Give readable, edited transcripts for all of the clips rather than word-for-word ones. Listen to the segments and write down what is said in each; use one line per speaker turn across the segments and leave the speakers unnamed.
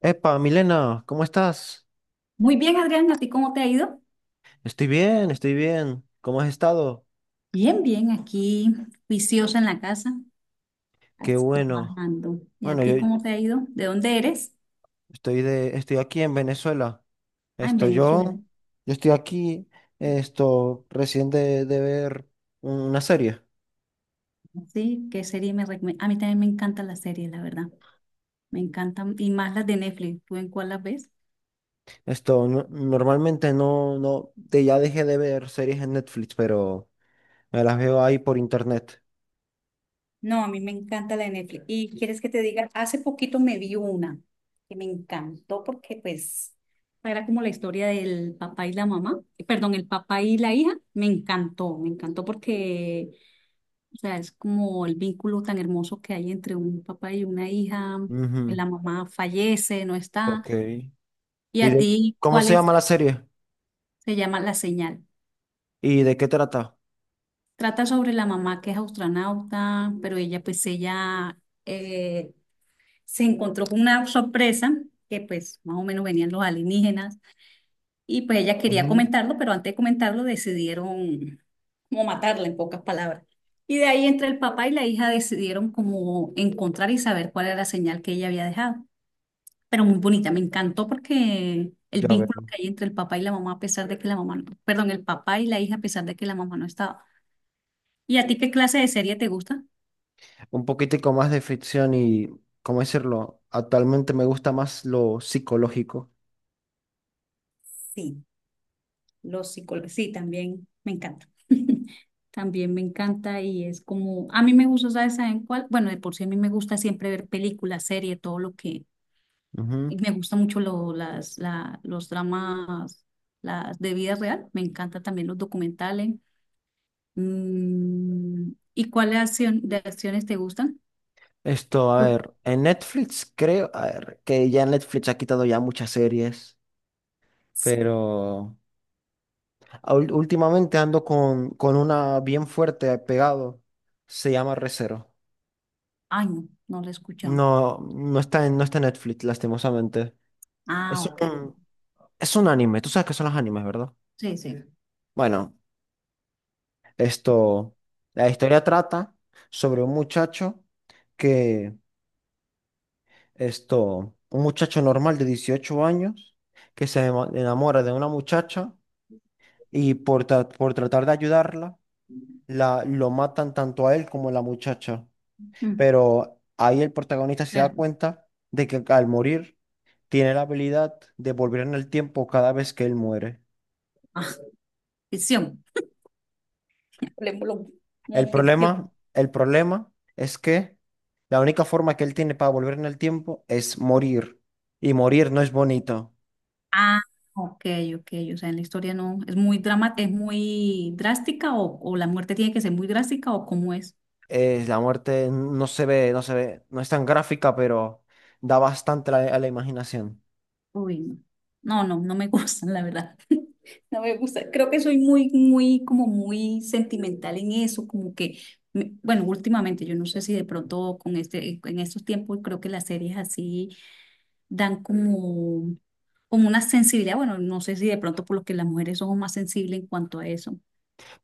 Epa, Milena, ¿cómo estás?
Muy bien, Adriana, ¿a ti cómo te ha ido?
Estoy bien, estoy bien. ¿Cómo has estado?
Bien, aquí juiciosa en la casa,
Qué
así,
bueno.
trabajando. ¿Y a
Bueno, yo
ti cómo te ha ido? ¿De dónde eres?
estoy aquí en Venezuela.
Ah, en
Estoy
Venezuela.
yo, yo estoy aquí, recién de ver una serie.
Sí, ¿qué serie me recomiendas? A mí también me encantan las series, la verdad. Me encantan, y más las de Netflix. ¿Tú en cuál las ves?
Normalmente no, no, ya dejé de ver series en Netflix, pero me las veo ahí por internet.
No, a mí me encanta la de Netflix. Y quieres que te diga, hace poquito me vi una que me encantó porque pues era como la historia del papá y la mamá, perdón, el papá y la hija. Me encantó porque o sea, es como el vínculo tan hermoso que hay entre un papá y una hija.
Ujú.
La mamá fallece, no está.
Ok.
¿Y
¿Y
a
de
ti
cómo
cuál
se llama
es?
la serie?
Se llama La Señal.
¿Y de qué trata?
Trata sobre la mamá que es astronauta, pero ella pues ella eh, se encontró con una sorpresa que pues más o menos venían los alienígenas y pues ella quería
Ujú.
comentarlo, pero antes de comentarlo decidieron como matarla en pocas palabras. Y de ahí entre el papá y la hija decidieron como encontrar y saber cuál era la señal que ella había dejado. Pero muy bonita. Me encantó porque el
Ya
vínculo
veo.
que hay entre el papá y la mamá, a pesar de que la mamá, perdón, el papá y la hija, a pesar de que la mamá no estaba. ¿Y a ti qué clase de serie te gusta?
Un poquitico más de ficción y, ¿cómo decirlo? Actualmente me gusta más lo psicológico.
Sí, los psicólogos, sí, también me encanta. También me encanta y es como, a mí me gusta, ¿sabes? ¿Saben cuál? Bueno, de por sí a mí me gusta siempre ver películas, series, todo lo que, y
Ujú.
me gusta mucho los dramas, las de vida real, me encanta también los documentales. Mm, ¿y cuáles acción, de acciones te gustan?
A
Lucas.
ver, en Netflix creo, a ver, que ya Netflix ha quitado ya muchas series, pero últimamente ando con una bien fuerte pegado, se llama Recero.
Ay, no, no lo he escuchado.
No está en Netflix, lastimosamente.
Ah,
Es
ok.
un, es un anime, tú sabes que son los animes, ¿verdad?
Sí, sí.
Bueno, esto, la historia trata sobre un muchacho que, esto, un muchacho normal de 18 años que enamora de una muchacha y por tratar de ayudarla, lo matan tanto a él como a la muchacha.
Mm.
Pero ahí el protagonista se da
Es-
cuenta de que al morir tiene la habilidad de volver en el tiempo cada vez que él muere.
ah, ficción. Hablemoslo como ficción.
El problema es que la única forma que él tiene para volver en el tiempo es morir. Y morir no es bonito.
Ah, ok, ok. O sea, en la historia no. ¿Es muy drama, es muy drástica o la muerte tiene que ser muy drástica o cómo es?
La muerte no se ve, no se ve, no es tan gráfica, pero da bastante la a la imaginación.
Uy, no. No, no, no me gustan, la verdad. No me gusta. Creo que soy muy, muy, como muy sentimental en eso, como que, bueno, últimamente, yo no sé si de pronto con este, en estos tiempos creo que las series así dan como, como una sensibilidad. Bueno, no sé si de pronto por lo que las mujeres somos más sensibles en cuanto a eso.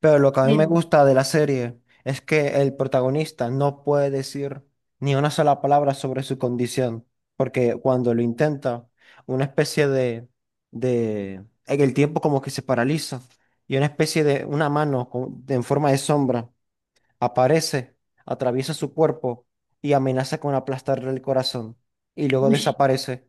Pero lo que a mí me
Pero,
gusta de la serie es que el protagonista no puede decir ni una sola palabra sobre su condición, porque cuando lo intenta, una especie de, en el tiempo como que se paraliza y una especie de, una mano en forma de sombra aparece, atraviesa su cuerpo y amenaza con aplastarle el corazón y luego
uy,
desaparece.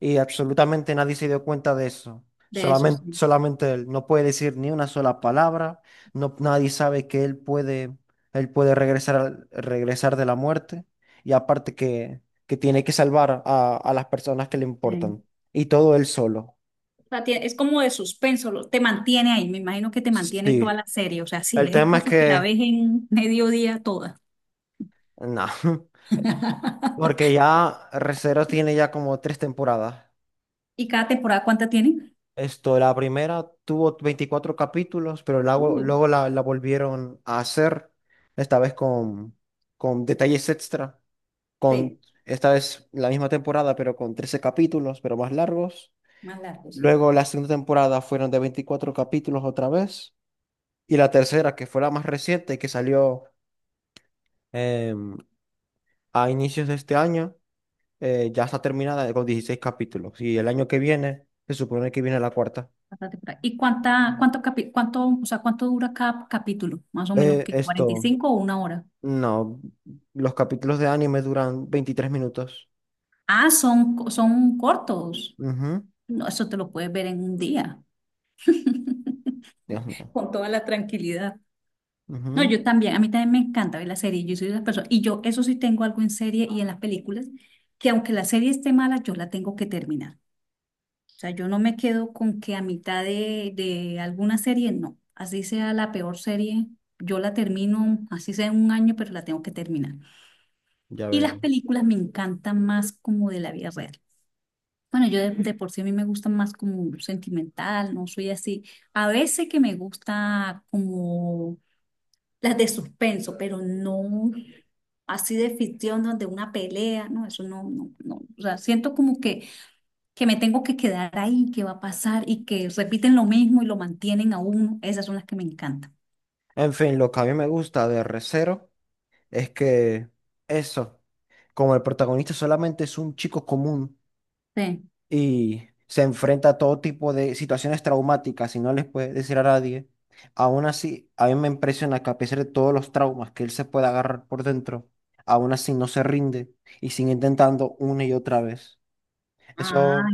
Y absolutamente nadie se dio cuenta de eso.
de eso sí.
Solamente él. No puede decir ni una sola palabra. No, nadie sabe él puede regresar, regresar de la muerte. Y aparte que tiene que salvar a las personas que le
Sí.
importan. Y todo él solo.
O sea, es como de suspenso, te mantiene ahí, me imagino que te mantiene toda
Sí.
la serie, o sea, si
El
es
tema es
caso que la
que,
ves en mediodía toda.
no. Porque ya Re:Zero tiene ya como tres temporadas.
¿Y cada temporada cuánta tienen?
Esto, la primera tuvo 24 capítulos, pero
Uy,
luego la volvieron a hacer, esta vez con detalles extra, con
sí,
esta vez la misma temporada, pero con 13 capítulos, pero más largos.
más largo, sí.
Luego la segunda temporada fueron de 24 capítulos otra vez. Y la tercera, que fue la más reciente, que salió em, a inicios de este año, ya está terminada con 16 capítulos. Y el año que viene, se supone que viene la cuarta.
Cada temporada. ¿Y cuánta, o sea, cuánto dura cada capítulo? Más o menos que cuarenta y
Esto.
cinco o una hora.
No, los capítulos de anime duran 23 minutos.
Ah, son cortos.
Ujú.
No, eso te lo puedes ver en un día.
Dios mío.
Con toda la tranquilidad. No,
Ujú.
yo también, a mí también me encanta ver la serie. Yo soy de las personas, y yo eso sí tengo algo en serie y en las películas, que aunque la serie esté mala, yo la tengo que terminar. O sea, yo no me quedo con que a mitad de alguna serie, no. Así sea la peor serie, yo la termino, así sea en 1 año, pero la tengo que terminar.
Ya
Y
veo.
las películas me encantan más como de la vida real. Bueno, yo de por sí a mí me gusta más como sentimental, no soy así. A veces que me gusta como las de suspenso, pero no así de ficción donde una pelea, no, eso no, no, no. O sea, siento como que me tengo que quedar ahí, que va a pasar y que repiten lo mismo y lo mantienen a uno. Esas son las que me encantan.
En fin, lo que a mí me gusta de Re:Zero es que eso, como el protagonista solamente es un chico común
Sí.
y se enfrenta a todo tipo de situaciones traumáticas y no les puede decir a nadie, aún así, a mí me impresiona que a pesar de todos los traumas que él se puede agarrar por dentro, aún así no se rinde y sigue intentando una y otra vez.
Ah,
Eso.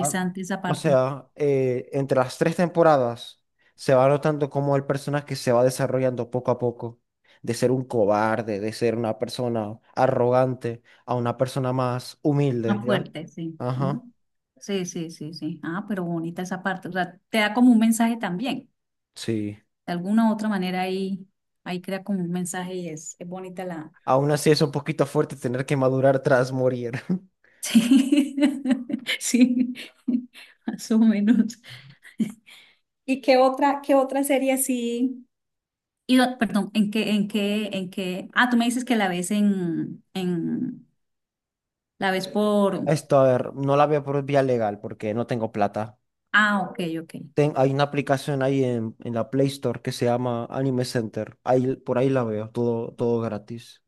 Ah,
esa
o
parte.
sea, entre las tres temporadas se va notando cómo el personaje se va desarrollando poco a poco, de ser un cobarde, de ser una persona arrogante, a una persona más humilde,
Más
¿ya?
fuerte, sí. Ujú.
Ajá,
Sí, sí, sí, sí. Ah, pero bonita esa parte. O sea, te da como un mensaje también.
sí.
De alguna u otra manera ahí, ahí crea como un mensaje y es bonita la...
Aún así es un poquito fuerte tener que madurar tras morir.
Sí, sí, más o menos. ¿Y qué otra serie así? Y, perdón, ¿en qué, en qué, en qué? Ah, tú me dices que la ves la ves por,
Esto, a ver, no la veo por vía legal porque no tengo plata.
ah, ok, ok.
Hay una aplicación ahí en la Play Store que se llama Anime Center. Ahí, por ahí la veo, todo, todo gratis.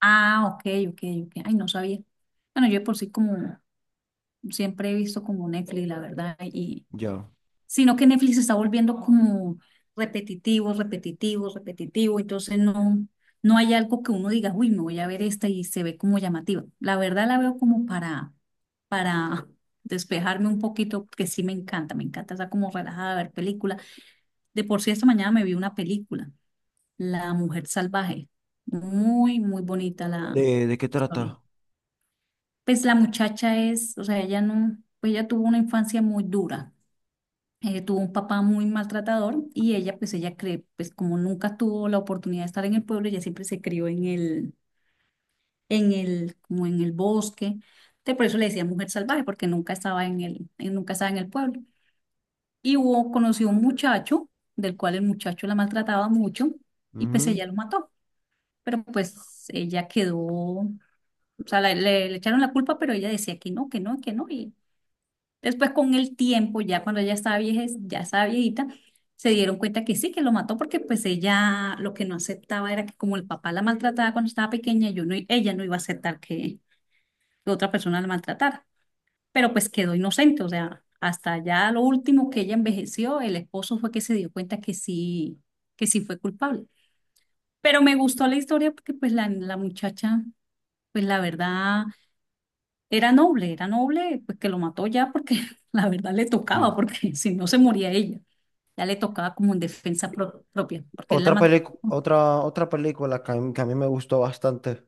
Ah, ok, ok, ok. Ay, no sabía. Bueno, yo de por sí como, siempre he visto como Netflix, la verdad, y,
Ya.
sino que Netflix se está volviendo como repetitivo, repetitivo, repetitivo, entonces no, no hay algo que uno diga, uy, me voy a ver esta y se ve como llamativa. La verdad la veo como para despejarme un poquito, porque sí me encanta está como relajada, ver películas. De por sí, esta mañana me vi una película, La Mujer Salvaje. Muy, muy bonita la
De qué
historia.
trata?
Pues la muchacha es, o sea, ella no, pues ella tuvo una infancia muy dura. Tuvo un papá muy maltratador y ella, pues ella cree, pues como nunca tuvo la oportunidad de estar en el pueblo, ella siempre se crió como en el bosque. Entonces, por eso le decía mujer salvaje, porque nunca estaba en el, nunca estaba en el pueblo. Y hubo, conoció un muchacho, del cual el muchacho la maltrataba mucho, y pues
Ujú.
ella lo mató. Pero pues ella quedó, o sea, le echaron la culpa, pero ella decía que no, que no, que no. Y después con el tiempo, ya cuando ella estaba vieja, ya estaba viejita, se dieron cuenta que sí, que lo mató porque pues ella lo que no aceptaba era que como el papá la maltrataba cuando estaba pequeña, yo no, i- ella no iba a aceptar que otra persona la maltratara, pero pues quedó inocente, o sea, hasta ya lo último que ella envejeció, el esposo fue que se dio cuenta que sí fue culpable. Pero me gustó la historia porque pues la muchacha pues la verdad era noble, pues que lo mató ya porque la verdad le tocaba,
Sí.
porque si no se moría ella, ya le tocaba como en defensa propia, porque él la mató. ¿No?
Otra película que a mí me gustó bastante,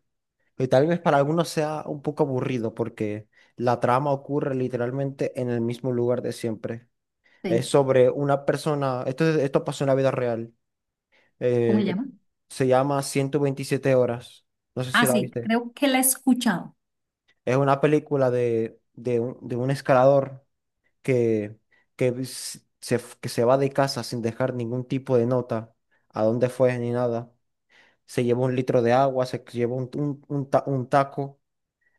y tal vez para algunos sea un poco aburrido porque la trama ocurre literalmente en el mismo lugar de siempre. Es
Sí.
sobre una persona, esto, esto pasó en la vida real,
¿Cómo se
eh,
llama?
se llama 127 horas, no sé si
Ah,
la
sí,
viste.
creo que la he escuchado.
Es una película de un escalador que, que se va de casa sin dejar ningún tipo de nota, a dónde fue ni nada. Se llevó un litro de agua, se llevó un taco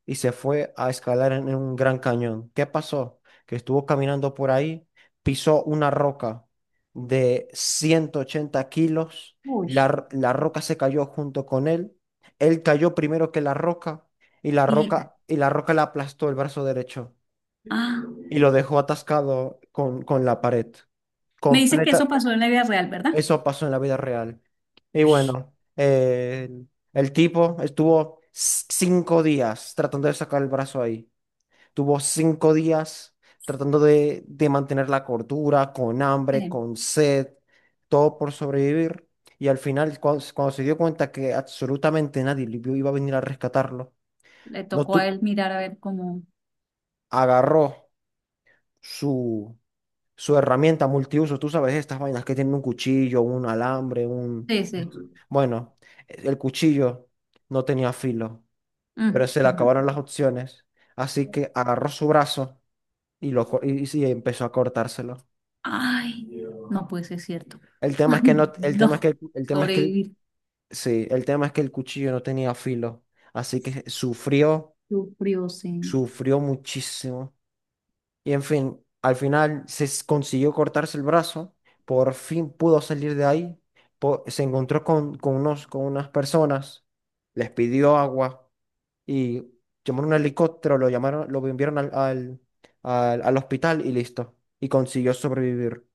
y se fue a escalar en un gran cañón. ¿Qué pasó? Que estuvo caminando por ahí, pisó una roca de 180 kilos,
Uy.
la roca se cayó junto con él, él cayó primero que la roca
Y le-
y la roca le aplastó el brazo derecho
ah,
y lo dejó atascado con la pared.
me dice que
Completa.
eso pasó en la vida real, ¿verdad?
Eso pasó en la vida real. Y bueno, el tipo estuvo 5 días tratando de sacar el brazo ahí. Tuvo 5 días tratando de mantener la cordura, con hambre,
Sí.
con sed, todo por sobrevivir. Y al final, cuando se dio cuenta que absolutamente nadie le iba a venir a rescatarlo,
Le
no
tocó a
tu-
él mirar a ver cómo.
agarró su su herramienta multiuso, tú sabes, estas vainas que tienen un cuchillo, un alambre, un...
Sí, sí.
esto- bueno, el cuchillo no tenía filo, pero
Mm,
se le acabaron
mm.
las opciones, así que agarró su brazo y, y sí, empezó a cortárselo.
Ay, no puede ser cierto.
El tema
Ay,
es que no, el tema es
no.
que, el tema es que, el-
Sobrevivir.
sí, el tema es que el cuchillo no tenía filo, así que sufrió,
Sufrió, sí.
sufrió muchísimo. Y en fin, al final consiguió cortarse el brazo, por fin pudo salir de ahí, se encontró con unas personas, les pidió agua y llamaron un helicóptero, lo llamaron, lo enviaron al hospital y listo. Y consiguió sobrevivir.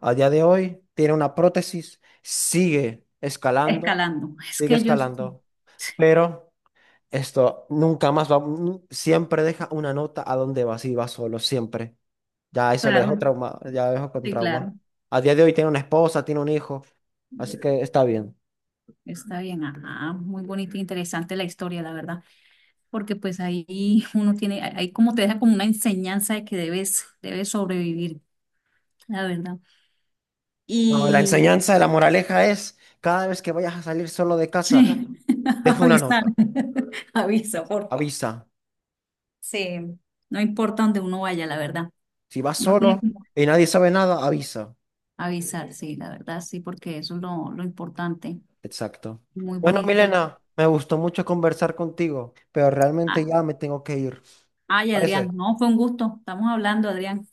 A día de hoy tiene una prótesis,
Escalando. Es
sigue
que ellos. Sí,
escalando, pero esto nunca más va, nu- siempre deja una nota a dónde va, si va solo, siempre. Ya eso lo dejó
claro,
trauma, ya lo dejó con
sí,
trauma.
claro,
A día de hoy tiene una esposa, tiene un hijo, así que está bien.
está bien, ajá, muy bonita e interesante la historia, la verdad, porque pues ahí uno tiene, ahí como te deja como una enseñanza de que debes, debes sobrevivir, la verdad.
No, la
Y
enseñanza de la moraleja es, cada vez que vayas a salir solo de casa,
sí,
deja una
avisar,
nota,
avisa, por favor.
avisa.
Sí, no importa donde uno vaya, la verdad.
Si vas
Uno tiene
solo
que
y nadie sabe nada, avisa.
avisar, sí, la verdad, sí, porque eso es lo importante.
Exacto.
Muy
Bueno,
bonita.
Milena, me gustó mucho conversar contigo, pero realmente
Ah,
ya me tengo que ir.
ay, Adrián,
¿Parece?
no, fue un gusto, estamos hablando, Adrián.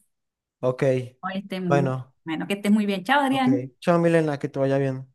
Ok.
Hoy esté muy,
Bueno,
bueno, que estés muy bien. Chao,
ok.
Adrián.
Chao, Milena, que te vaya bien.